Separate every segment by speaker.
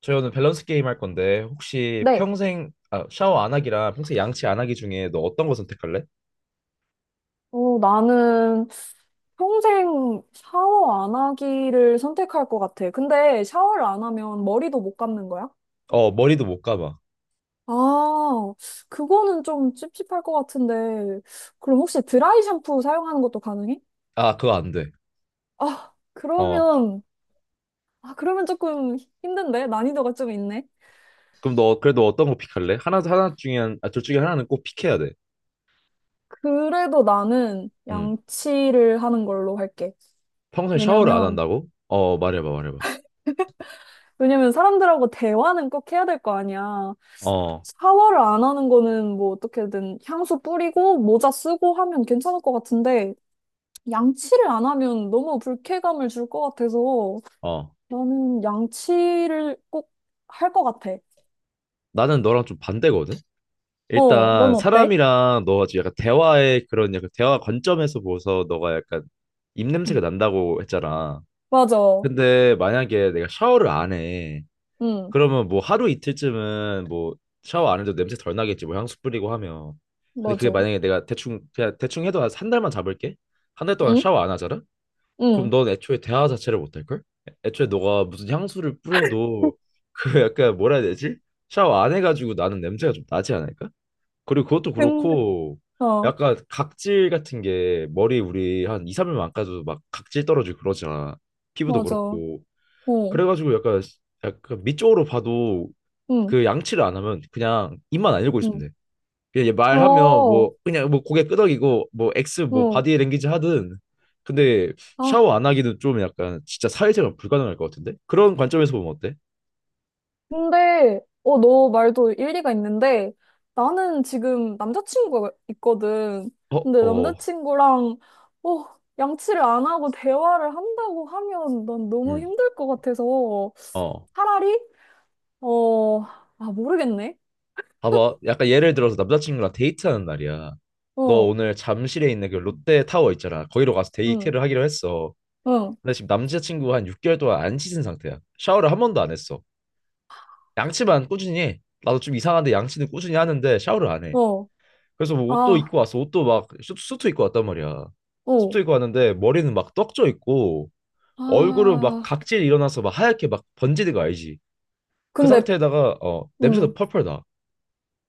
Speaker 1: 저희 오늘 밸런스 게임 할 건데 혹시
Speaker 2: 네.
Speaker 1: 평생 샤워 안 하기랑 평생 양치 안 하기 중에 너 어떤 거 선택할래?
Speaker 2: 어, 나는 평생 샤워 안 하기를 선택할 것 같아. 근데 샤워를 안 하면 머리도 못 감는 거야?
Speaker 1: 어, 머리도 못 감아.
Speaker 2: 아, 그거는 좀 찝찝할 것 같은데. 그럼 혹시 드라이 샴푸 사용하는 것도 가능해?
Speaker 1: 아, 그거 안 돼.
Speaker 2: 아,
Speaker 1: 어,
Speaker 2: 그러면, 아, 그러면 조금 힘든데? 난이도가 좀 있네.
Speaker 1: 그럼 너 그래도 어떤 거 픽할래? 하나 하나 중에 한- 아, 둘 중에 하나는 꼭 픽해야 돼.
Speaker 2: 그래도 나는
Speaker 1: 음
Speaker 2: 양치를 하는 걸로 할게.
Speaker 1: 평생 샤워를 안
Speaker 2: 왜냐면
Speaker 1: 한다고? 어, 말해봐 말해봐.
Speaker 2: 왜냐면 사람들하고 대화는 꼭 해야 될 거 아니야.
Speaker 1: 어,
Speaker 2: 샤워를 안 하는 거는 뭐 어떻게든 향수 뿌리고 모자 쓰고 하면 괜찮을 것 같은데 양치를 안 하면 너무 불쾌감을 줄 것 같아서
Speaker 1: 어.
Speaker 2: 나는 양치를 꼭 할 것 같아.
Speaker 1: 나는 너랑 좀 반대거든.
Speaker 2: 어,
Speaker 1: 일단
Speaker 2: 넌 어때?
Speaker 1: 사람이랑 너 아주 약간 대화의 그런 약간 대화 관점에서 보고서 너가 약간 입냄새가
Speaker 2: 응,
Speaker 1: 난다고 했잖아.
Speaker 2: 맞아.
Speaker 1: 근데 만약에 내가 샤워를 안 해.
Speaker 2: 응,
Speaker 1: 그러면 뭐 하루 이틀쯤은 뭐 샤워 안 해도 냄새 덜 나겠지. 뭐 향수 뿌리고 하면. 근데 그게
Speaker 2: 맞아.
Speaker 1: 만약에 내가 대충 그냥 대충 해도 한한 달만 잡을게. 한 달 동안
Speaker 2: 응?
Speaker 1: 샤워 안 하잖아. 그럼
Speaker 2: 응.
Speaker 1: 넌 애초에 대화 자체를 못 할걸. 애초에 너가 무슨 향수를 뿌려도 그 약간 뭐라 해야 되지. 샤워 안 해가지고 나는 냄새가 좀 나지 않을까. 그리고 그것도
Speaker 2: 근데,
Speaker 1: 그렇고,
Speaker 2: 어,
Speaker 1: 약간 각질 같은 게 머리 우리 한 2, 3일만 안 까도 막 각질 떨어지고 그러잖아. 피부도
Speaker 2: 맞아. 어,
Speaker 1: 그렇고. 그래가지고 약간 밑쪽으로 봐도,
Speaker 2: 응,
Speaker 1: 그 양치를 안 하면 그냥 입만 안 열고
Speaker 2: 응.
Speaker 1: 있으면 돼. 그냥 얘 말하면
Speaker 2: 어,
Speaker 1: 뭐 그냥 뭐 고개 끄덕이고 뭐 X 뭐
Speaker 2: 어.
Speaker 1: 바디 랭귀지 하든. 근데 샤워
Speaker 2: 아.
Speaker 1: 안 하기는 좀 약간 진짜 사회생활 불가능할 것 같은데? 그런 관점에서 보면 어때?
Speaker 2: 근데, 어, 너 말도 일리가 있는데, 나는 지금 남자친구가 있거든.
Speaker 1: 어,
Speaker 2: 근데
Speaker 1: 어,
Speaker 2: 남자친구랑, 어, 양치를 안 하고 대화를 한다고 하면 난 너무
Speaker 1: 음,
Speaker 2: 힘들 것 같아서,
Speaker 1: 어.
Speaker 2: 차라리, 어, 아, 모르겠네.
Speaker 1: 봐봐. 약간 예를 들어서 남자친구랑 데이트하는 날이야. 너
Speaker 2: 어,
Speaker 1: 오늘 잠실에 있는 그 롯데타워 있잖아. 거기로 가서
Speaker 2: 응,
Speaker 1: 데이트를 하기로 했어.
Speaker 2: 응,
Speaker 1: 근데 지금 남자친구가 한 6개월 동안 안 씻은 상태야. 샤워를 한 번도 안 했어. 양치만 꾸준히 해. 나도 좀 이상한데 양치는 꾸준히 하는데 샤워를 안 해.
Speaker 2: 어,
Speaker 1: 그래서 뭐 옷도
Speaker 2: 아,
Speaker 1: 입고 왔어. 옷도 막 수트 입고 왔단 말이야.
Speaker 2: 어,
Speaker 1: 수트 입고 왔는데 머리는 막 떡져 있고 얼굴은 막
Speaker 2: 아.
Speaker 1: 각질 일어나서 막 하얗게 막 번지는 거 알지? 그
Speaker 2: 근데,
Speaker 1: 상태에다가 냄새도
Speaker 2: 음,
Speaker 1: 펄펄 나.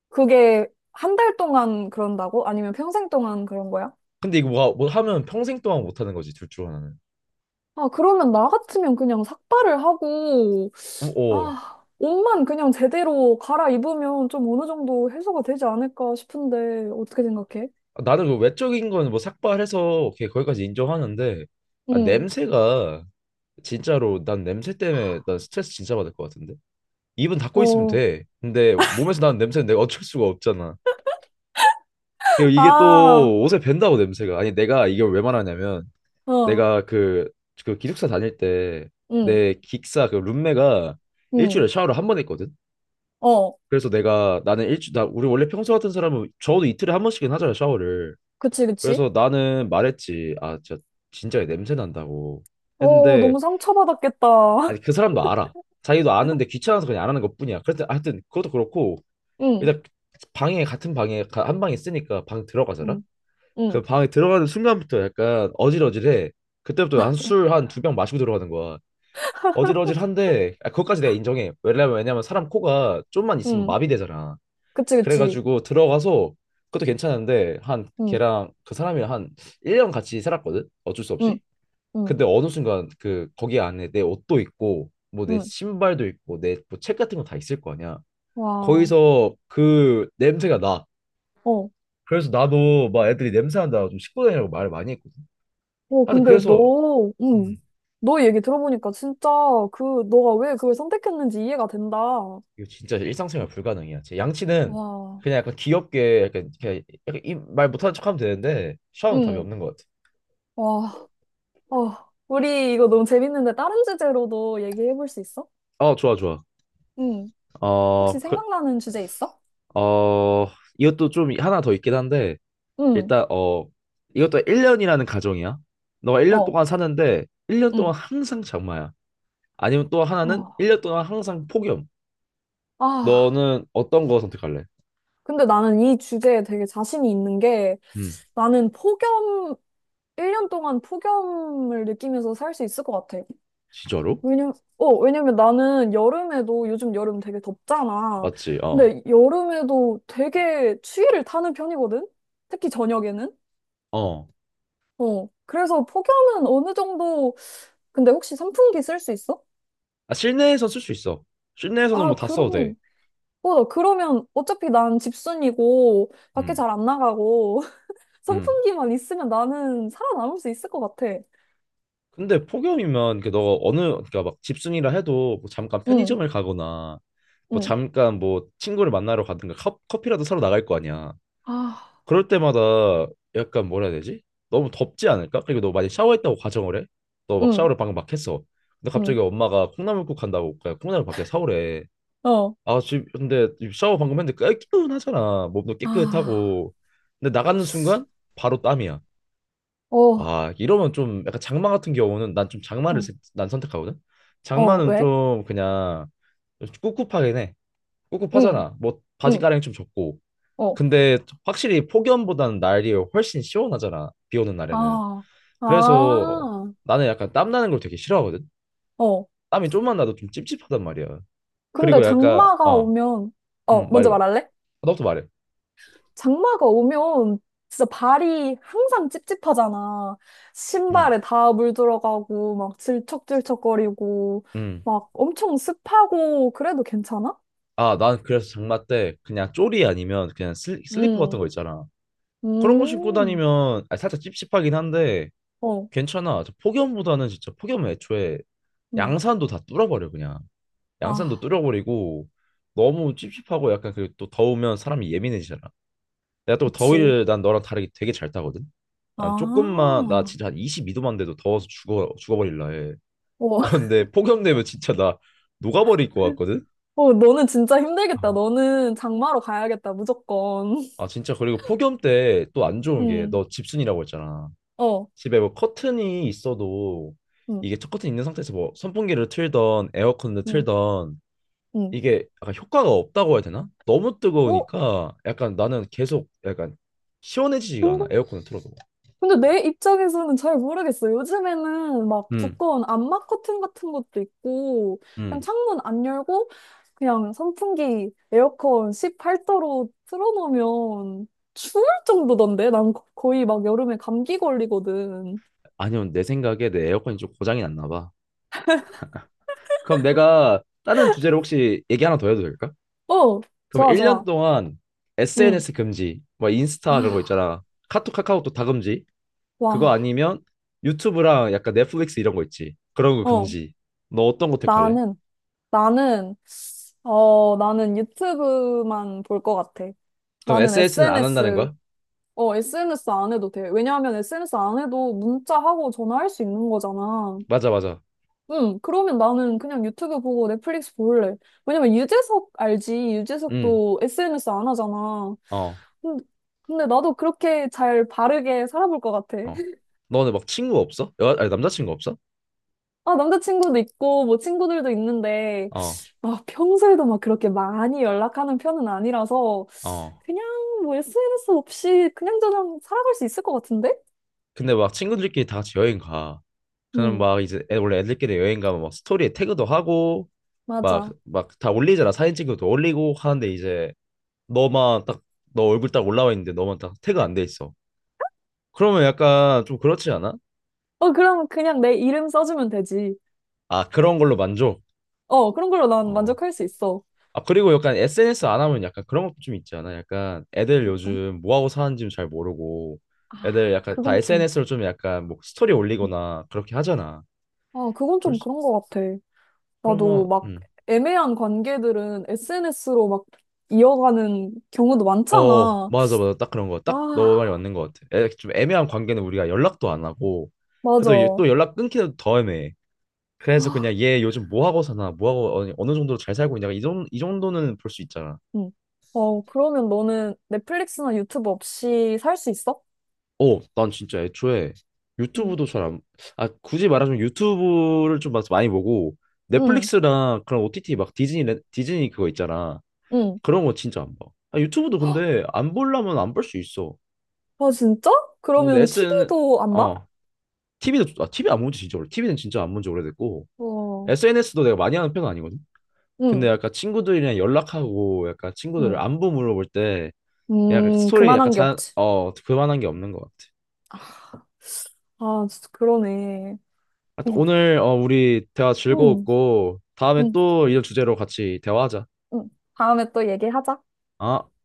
Speaker 2: 그게 한 달 동안 그런다고? 아니면 평생 동안 그런 거야?
Speaker 1: 근데 이거 뭐 하면 평생 동안 못 하는 거지 둘 중 하나는.
Speaker 2: 아, 그러면 나 같으면 그냥 삭발을 하고,
Speaker 1: 어, 어.
Speaker 2: 아, 옷만 그냥 제대로 갈아입으면 좀 어느 정도 해소가 되지 않을까 싶은데, 어떻게 생각해?
Speaker 1: 나는 그 외적인 건 뭐 삭발해서 걔 거기까지 인정하는데, 아,
Speaker 2: 응.
Speaker 1: 냄새가 진짜로 난 냄새 때문에 난 스트레스 진짜 받을 것 같은데. 입은 닫고 있으면
Speaker 2: 어,
Speaker 1: 돼. 근데 몸에서 나는 냄새는 내가 어쩔 수가 없잖아. 그리고 이게
Speaker 2: 아,
Speaker 1: 또 옷에 밴다고, 냄새가. 아니 내가 이걸 왜 말하냐면
Speaker 2: 어,
Speaker 1: 내가 그 기숙사 다닐 때
Speaker 2: 응,
Speaker 1: 내 기숙사 그 룸메가
Speaker 2: 응,
Speaker 1: 일주일에 샤워를 한 번 했거든.
Speaker 2: 어,
Speaker 1: 그래서 내가 나는 일주 나 우리 원래 평소 같은 사람은 적어도 이틀에 한 번씩은 하잖아, 샤워를.
Speaker 2: 그치, 그치.
Speaker 1: 그래서 나는 말했지. 아, 저 진짜 냄새 난다고
Speaker 2: 어,
Speaker 1: 했는데,
Speaker 2: 너무 상처받았겠다.
Speaker 1: 아니 그 사람도 알아. 자기도 아는데 귀찮아서 그냥 안 하는 것뿐이야. 그래서 하여튼 그것도 그렇고,
Speaker 2: 응,
Speaker 1: 일단 방에 같은 방에 가- 한 방에 쓰니까 방 들어가잖아.
Speaker 2: 응, 응,
Speaker 1: 그 방에 들어가는 순간부터 약간 어질어질해. 그때부터 한 술 한 두 병 마시고 들어가는 거야. 어질어질한데, 아, 그것까지 내가 인정해. 왜냐면 사람 코가 좀만 있으면
Speaker 2: 응,
Speaker 1: 마비되잖아.
Speaker 2: 그치, 그치.
Speaker 1: 그래가지고 들어가서 그것도 괜찮은데 한
Speaker 2: 응,
Speaker 1: 걔랑 그 사람이 한 1년 같이 살았거든, 어쩔 수
Speaker 2: 응,
Speaker 1: 없이.
Speaker 2: 응,
Speaker 1: 근데 어느 순간 그 거기 안에 내 옷도 있고 뭐 내
Speaker 2: 응.
Speaker 1: 신발도 있고 내 뭐 책 같은 거 다 있을 거 아니야.
Speaker 2: 와,
Speaker 1: 거기서 그 냄새가 나.
Speaker 2: 어,
Speaker 1: 그래서 나도 막 애들이 냄새 난다고 좀 씻고 다니라고 말을 많이 했거든.
Speaker 2: 어,
Speaker 1: 하여튼
Speaker 2: 근데
Speaker 1: 그래서
Speaker 2: 너, 응,
Speaker 1: 음.
Speaker 2: 너 얘기 들어보니까 진짜 그, 너가 왜 그걸 선택했는지 이해가 된다.
Speaker 1: 이거 진짜 일상생활 불가능이야. 제 양치는
Speaker 2: 와,
Speaker 1: 그냥 약간 귀엽게 약간 그냥 약간 이 말 못하는 척하면 되는데 샤워는 답이
Speaker 2: 응.
Speaker 1: 없는 것 같아.
Speaker 2: 와. 어, 우리 이거 너무 재밌는데 다른 주제로도 얘기해 볼 수 있어?
Speaker 1: 어, 좋아, 좋아.
Speaker 2: 응. 혹시
Speaker 1: 어, 그,
Speaker 2: 생각나는 주제 있어?
Speaker 1: 어, 이것도 좀 하나 더 있긴 한데,
Speaker 2: 응.
Speaker 1: 일단, 이것도 1년이라는 가정이야. 너가 1년
Speaker 2: 어.
Speaker 1: 동안 사는데, 1년
Speaker 2: 응.
Speaker 1: 동안 항상 장마야. 아니면 또 하나는
Speaker 2: 어.
Speaker 1: 1년 동안 항상 폭염.
Speaker 2: 아,
Speaker 1: 너는 어떤 거 선택할래?
Speaker 2: 근데 나는 이 주제에 되게 자신이 있는 게
Speaker 1: 음,
Speaker 2: 나는 폭염, 1년 동안 폭염을 느끼면서 살 수 있을 것 같아.
Speaker 1: 진짜로?
Speaker 2: 왜냐면, 어, 왜냐면 나는 여름에도 요즘 여름 되게 덥잖아.
Speaker 1: 맞지? 어.
Speaker 2: 근데 여름에도 되게 추위를 타는 편이거든? 특히 저녁에는.
Speaker 1: 어.
Speaker 2: 어. 그래서 폭염은 어느 정도 근데 혹시 선풍기 쓸 수 있어?
Speaker 1: 아, 실내에서 쓸 수 있어. 실내에서는
Speaker 2: 아,
Speaker 1: 뭐 다 써도 돼.
Speaker 2: 그러면, 어, 나 그러면 어차피 난 집순이고, 밖에
Speaker 1: 음.
Speaker 2: 잘 안 나가고,
Speaker 1: 음.
Speaker 2: 선풍기만 있으면 나는 살아남을 수 있을 것 같아.
Speaker 1: 근데 폭염이면 그너 어느 그러니까 막 집순이라 해도 뭐 잠깐
Speaker 2: 응,
Speaker 1: 편의점을 가거나 뭐
Speaker 2: 응,
Speaker 1: 잠깐 뭐 친구를 만나러 가든가 커피라도 사러 나갈 거 아니야.
Speaker 2: 아,
Speaker 1: 그럴 때마다 약간 뭐라 해야 되지? 너무 덥지 않을까? 그리고 너 많이 샤워했다고 가정을 해. 너 막
Speaker 2: 응,
Speaker 1: 샤워를 방금 막 했어. 근데
Speaker 2: 응,
Speaker 1: 갑자기 엄마가 콩나물국 한다고 그러니까 콩나물 밖에 사오래.
Speaker 2: 어,
Speaker 1: 아, 근데 샤워 방금 했는데 깨끗하잖아. 몸도
Speaker 2: 아,
Speaker 1: 깨끗하고. 근데 나가는 순간 바로 땀이야.
Speaker 2: 어,
Speaker 1: 와, 이러면 좀 약간 장마 같은 경우는 난 좀
Speaker 2: 어,
Speaker 1: 난 선택하거든.
Speaker 2: 어,
Speaker 1: 장마는
Speaker 2: 왜?
Speaker 1: 좀 그냥 꿉꿉하긴 해.
Speaker 2: 응,
Speaker 1: 꿉꿉하잖아. 뭐 바지
Speaker 2: 응,
Speaker 1: 가랑이 좀 젖고.
Speaker 2: 어,
Speaker 1: 근데 확실히 폭염보다는 날이 훨씬 시원하잖아, 비 오는 날에는.
Speaker 2: 아. 아,
Speaker 1: 그래서 나는 약간 땀 나는 걸 되게 싫어하거든.
Speaker 2: 어.
Speaker 1: 땀이 좀만 나도 좀 찝찝하단 말이야.
Speaker 2: 근데
Speaker 1: 그리고 약간,
Speaker 2: 장마가 오면, 어, 먼저
Speaker 1: 말해봐. 아,
Speaker 2: 말할래?
Speaker 1: 너부터 말해.
Speaker 2: 장마가 오면 진짜 발이 항상 찝찝하잖아.
Speaker 1: 음.
Speaker 2: 신발에 다 물 들어가고, 막 질척질척거리고,
Speaker 1: 음.
Speaker 2: 막 엄청 습하고, 그래도 괜찮아?
Speaker 1: 아, 난 그래서 장마 때 그냥 쪼리 아니면 그냥 슬리퍼 같은
Speaker 2: 음,
Speaker 1: 거 있잖아. 그런 거 신고
Speaker 2: 음,
Speaker 1: 다니면, 살짝 찝찝하긴 한데
Speaker 2: 어,
Speaker 1: 괜찮아. 저 폭염보다는 진짜, 폭염은 애초에
Speaker 2: 음.
Speaker 1: 양산도 다 뚫어버려 그냥. 양산도
Speaker 2: 아,
Speaker 1: 뚫어버리고 너무 찝찝하고 약간, 그리고 또 더우면 사람이 예민해지잖아. 내가 또
Speaker 2: 그치.
Speaker 1: 더위를 난 너랑 다르게 되게 잘 타거든.
Speaker 2: 아,
Speaker 1: 난 조금만 나
Speaker 2: 어,
Speaker 1: 진짜 한 22도만 돼도 더워서 죽어버릴라 해. 그런데 폭염 되면 진짜 나 녹아버릴 것 같거든.
Speaker 2: 어, 너는 진짜 힘들겠다. 너는 장마로 가야겠다, 무조건.
Speaker 1: 아 진짜, 그리고 폭염 때 또 안 좋은 게
Speaker 2: 음,
Speaker 1: 너 집순이라고 했잖아.
Speaker 2: 어,
Speaker 1: 집에 뭐 커튼이 있어도
Speaker 2: 음,
Speaker 1: 이게 첫 커튼 있는 상태에서 뭐 선풍기를 틀던 에어컨을
Speaker 2: 음,
Speaker 1: 틀던
Speaker 2: 음.
Speaker 1: 이게 약간 효과가 없다고 해야 되나? 너무
Speaker 2: 어?
Speaker 1: 뜨거우니까 약간 나는 계속 약간 시원해지지가
Speaker 2: 근데
Speaker 1: 않아, 에어컨을 틀어도.
Speaker 2: 근데 내 입장에서는 잘 모르겠어요. 요즘에는 막
Speaker 1: 음,
Speaker 2: 두꺼운 암막 커튼 같은 것도 있고, 그냥
Speaker 1: 음.
Speaker 2: 창문 안 열고, 그냥 선풍기, 에어컨 18도로 틀어놓으면 추울 정도던데? 난 거의 막 여름에 감기 걸리거든.
Speaker 1: 아니면 내 생각에 내 에어컨이 좀 고장이 났나 봐. 그럼 내가 다른 주제로 혹시 얘기 하나 더 해도 될까?
Speaker 2: 어,
Speaker 1: 그럼
Speaker 2: 좋아,
Speaker 1: 1년
Speaker 2: 좋아.
Speaker 1: 동안
Speaker 2: 응.
Speaker 1: SNS 금지, 뭐
Speaker 2: 아,
Speaker 1: 인스타 그런 거 있잖아. 카톡, 카카오톡 다 금지. 그거
Speaker 2: 와.
Speaker 1: 아니면 유튜브랑 약간 넷플릭스 이런 거 있지. 그런 거
Speaker 2: 어,
Speaker 1: 금지. 너 어떤 거 택할래?
Speaker 2: 나는, 나는, 어, 나는 유튜브만 볼 것 같아.
Speaker 1: 그럼
Speaker 2: 나는
Speaker 1: SNS는 안 한다는
Speaker 2: SNS
Speaker 1: 거야?
Speaker 2: 어, SNS 안 해도 돼. 왜냐하면 SNS 안 해도 문자하고 전화할 수 있는 거잖아.
Speaker 1: 맞아, 맞아.
Speaker 2: 응, 그러면 나는 그냥 유튜브 보고 넷플릭스 볼래. 왜냐면 유재석 알지?
Speaker 1: 응,
Speaker 2: 유재석도 SNS 안 하잖아.
Speaker 1: 어,
Speaker 2: 근데, 근데 나도 그렇게 잘 바르게 살아볼 것 같아.
Speaker 1: 어. 너는 막 친구 없어? 아니, 남자친구 없어?
Speaker 2: 아, 남자친구도 있고, 뭐 친구들도 있는데,
Speaker 1: 어,
Speaker 2: 막 평소에도 막 그렇게 많이 연락하는 편은 아니라서,
Speaker 1: 어.
Speaker 2: 그냥 뭐 SNS 없이 그냥 저냥 살아갈 수 있을 것 같은데?
Speaker 1: 근데 막 친구들끼리 다 같이 여행 가. 그럼
Speaker 2: 응,
Speaker 1: 막 이제 원래 애들끼리 여행 가면 막 스토리에 태그도 하고 막
Speaker 2: 맞아.
Speaker 1: 막 다 올리잖아. 사진 찍어도 올리고 하는데 이제 너만 딱 너 얼굴 딱 올라와 있는데 너만 딱 태그 안 돼 있어. 그러면 약간 좀 그렇지 않아?
Speaker 2: 어, 그럼 그냥 내 이름 써주면 되지.
Speaker 1: 아, 그런 걸로 만족.
Speaker 2: 어, 그런 걸로 난
Speaker 1: 어.
Speaker 2: 만족할 수 있어.
Speaker 1: 아, 그리고 약간 SNS 안 하면 약간 그런 것도 좀 있지 않아? 약간 애들
Speaker 2: 어떤?
Speaker 1: 요즘 뭐 하고 사는지 잘 모르고
Speaker 2: 아,
Speaker 1: 애들 약간 다
Speaker 2: 그건 좀,
Speaker 1: SNS로 좀 약간 뭐 스토리
Speaker 2: 음.
Speaker 1: 올리거나 그렇게 하잖아.
Speaker 2: 아, 그건 좀
Speaker 1: 벌써-
Speaker 2: 그런 것 같아. 나도
Speaker 1: 그러면
Speaker 2: 막 애매한 관계들은 SNS로 막 이어가는 경우도
Speaker 1: 어,
Speaker 2: 많잖아.
Speaker 1: 맞아 맞아 딱 그런 거. 딱 너 말이
Speaker 2: 아,
Speaker 1: 맞는 것 같아. 좀 애매한 관계는 우리가 연락도 안 하고 그래도
Speaker 2: 맞아.
Speaker 1: 얘또 연락 끊기도 더 애매해. 그래서
Speaker 2: 아,
Speaker 1: 그냥 얘 요즘 뭐 하고 사나 뭐 하고 어느 정도로 잘 살고 있냐, 이 정도는 볼 수 있잖아.
Speaker 2: 응. 어, 그러면 너는 넷플릭스나 유튜브 없이 살 수 있어?
Speaker 1: 어, 난 진짜 애초에
Speaker 2: 응,
Speaker 1: 유튜브도 잘 안, 아, 굳이 말하자면 유튜브를 좀 막 많이 보고
Speaker 2: 응,
Speaker 1: 넷플릭스랑 그런 OTT 막 디즈니, 디즈니 그거 있잖아.
Speaker 2: 응.
Speaker 1: 그런 거 진짜 안 봐. 아, 유튜브도 근데 안 보려면 안 볼 수 있어.
Speaker 2: 아, 진짜?
Speaker 1: 어, 근데
Speaker 2: 그러면
Speaker 1: SN,
Speaker 2: TV도 안
Speaker 1: 어,
Speaker 2: 봐?
Speaker 1: TV도, TV 안 본지 진짜 오래, TV는 진짜 안 본지 오래됐고,
Speaker 2: 어,
Speaker 1: SNS도 내가 많이 하는 편은 아니거든? 근데
Speaker 2: 응,
Speaker 1: 약간 친구들이랑 연락하고 약간 친구들을
Speaker 2: 응.
Speaker 1: 안부 물어볼 때 약간 스토리 약간
Speaker 2: 그만한 게 없지.
Speaker 1: 그만한 게 없는 것 같아.
Speaker 2: 아, 진짜 그러네.
Speaker 1: 하여튼
Speaker 2: 어,
Speaker 1: 오늘 우리 대화
Speaker 2: 응,
Speaker 1: 즐거웠고 다음에
Speaker 2: 응,
Speaker 1: 또 이런 주제로 같이 대화하자.
Speaker 2: 응. 다음에 또 얘기하자.
Speaker 1: 아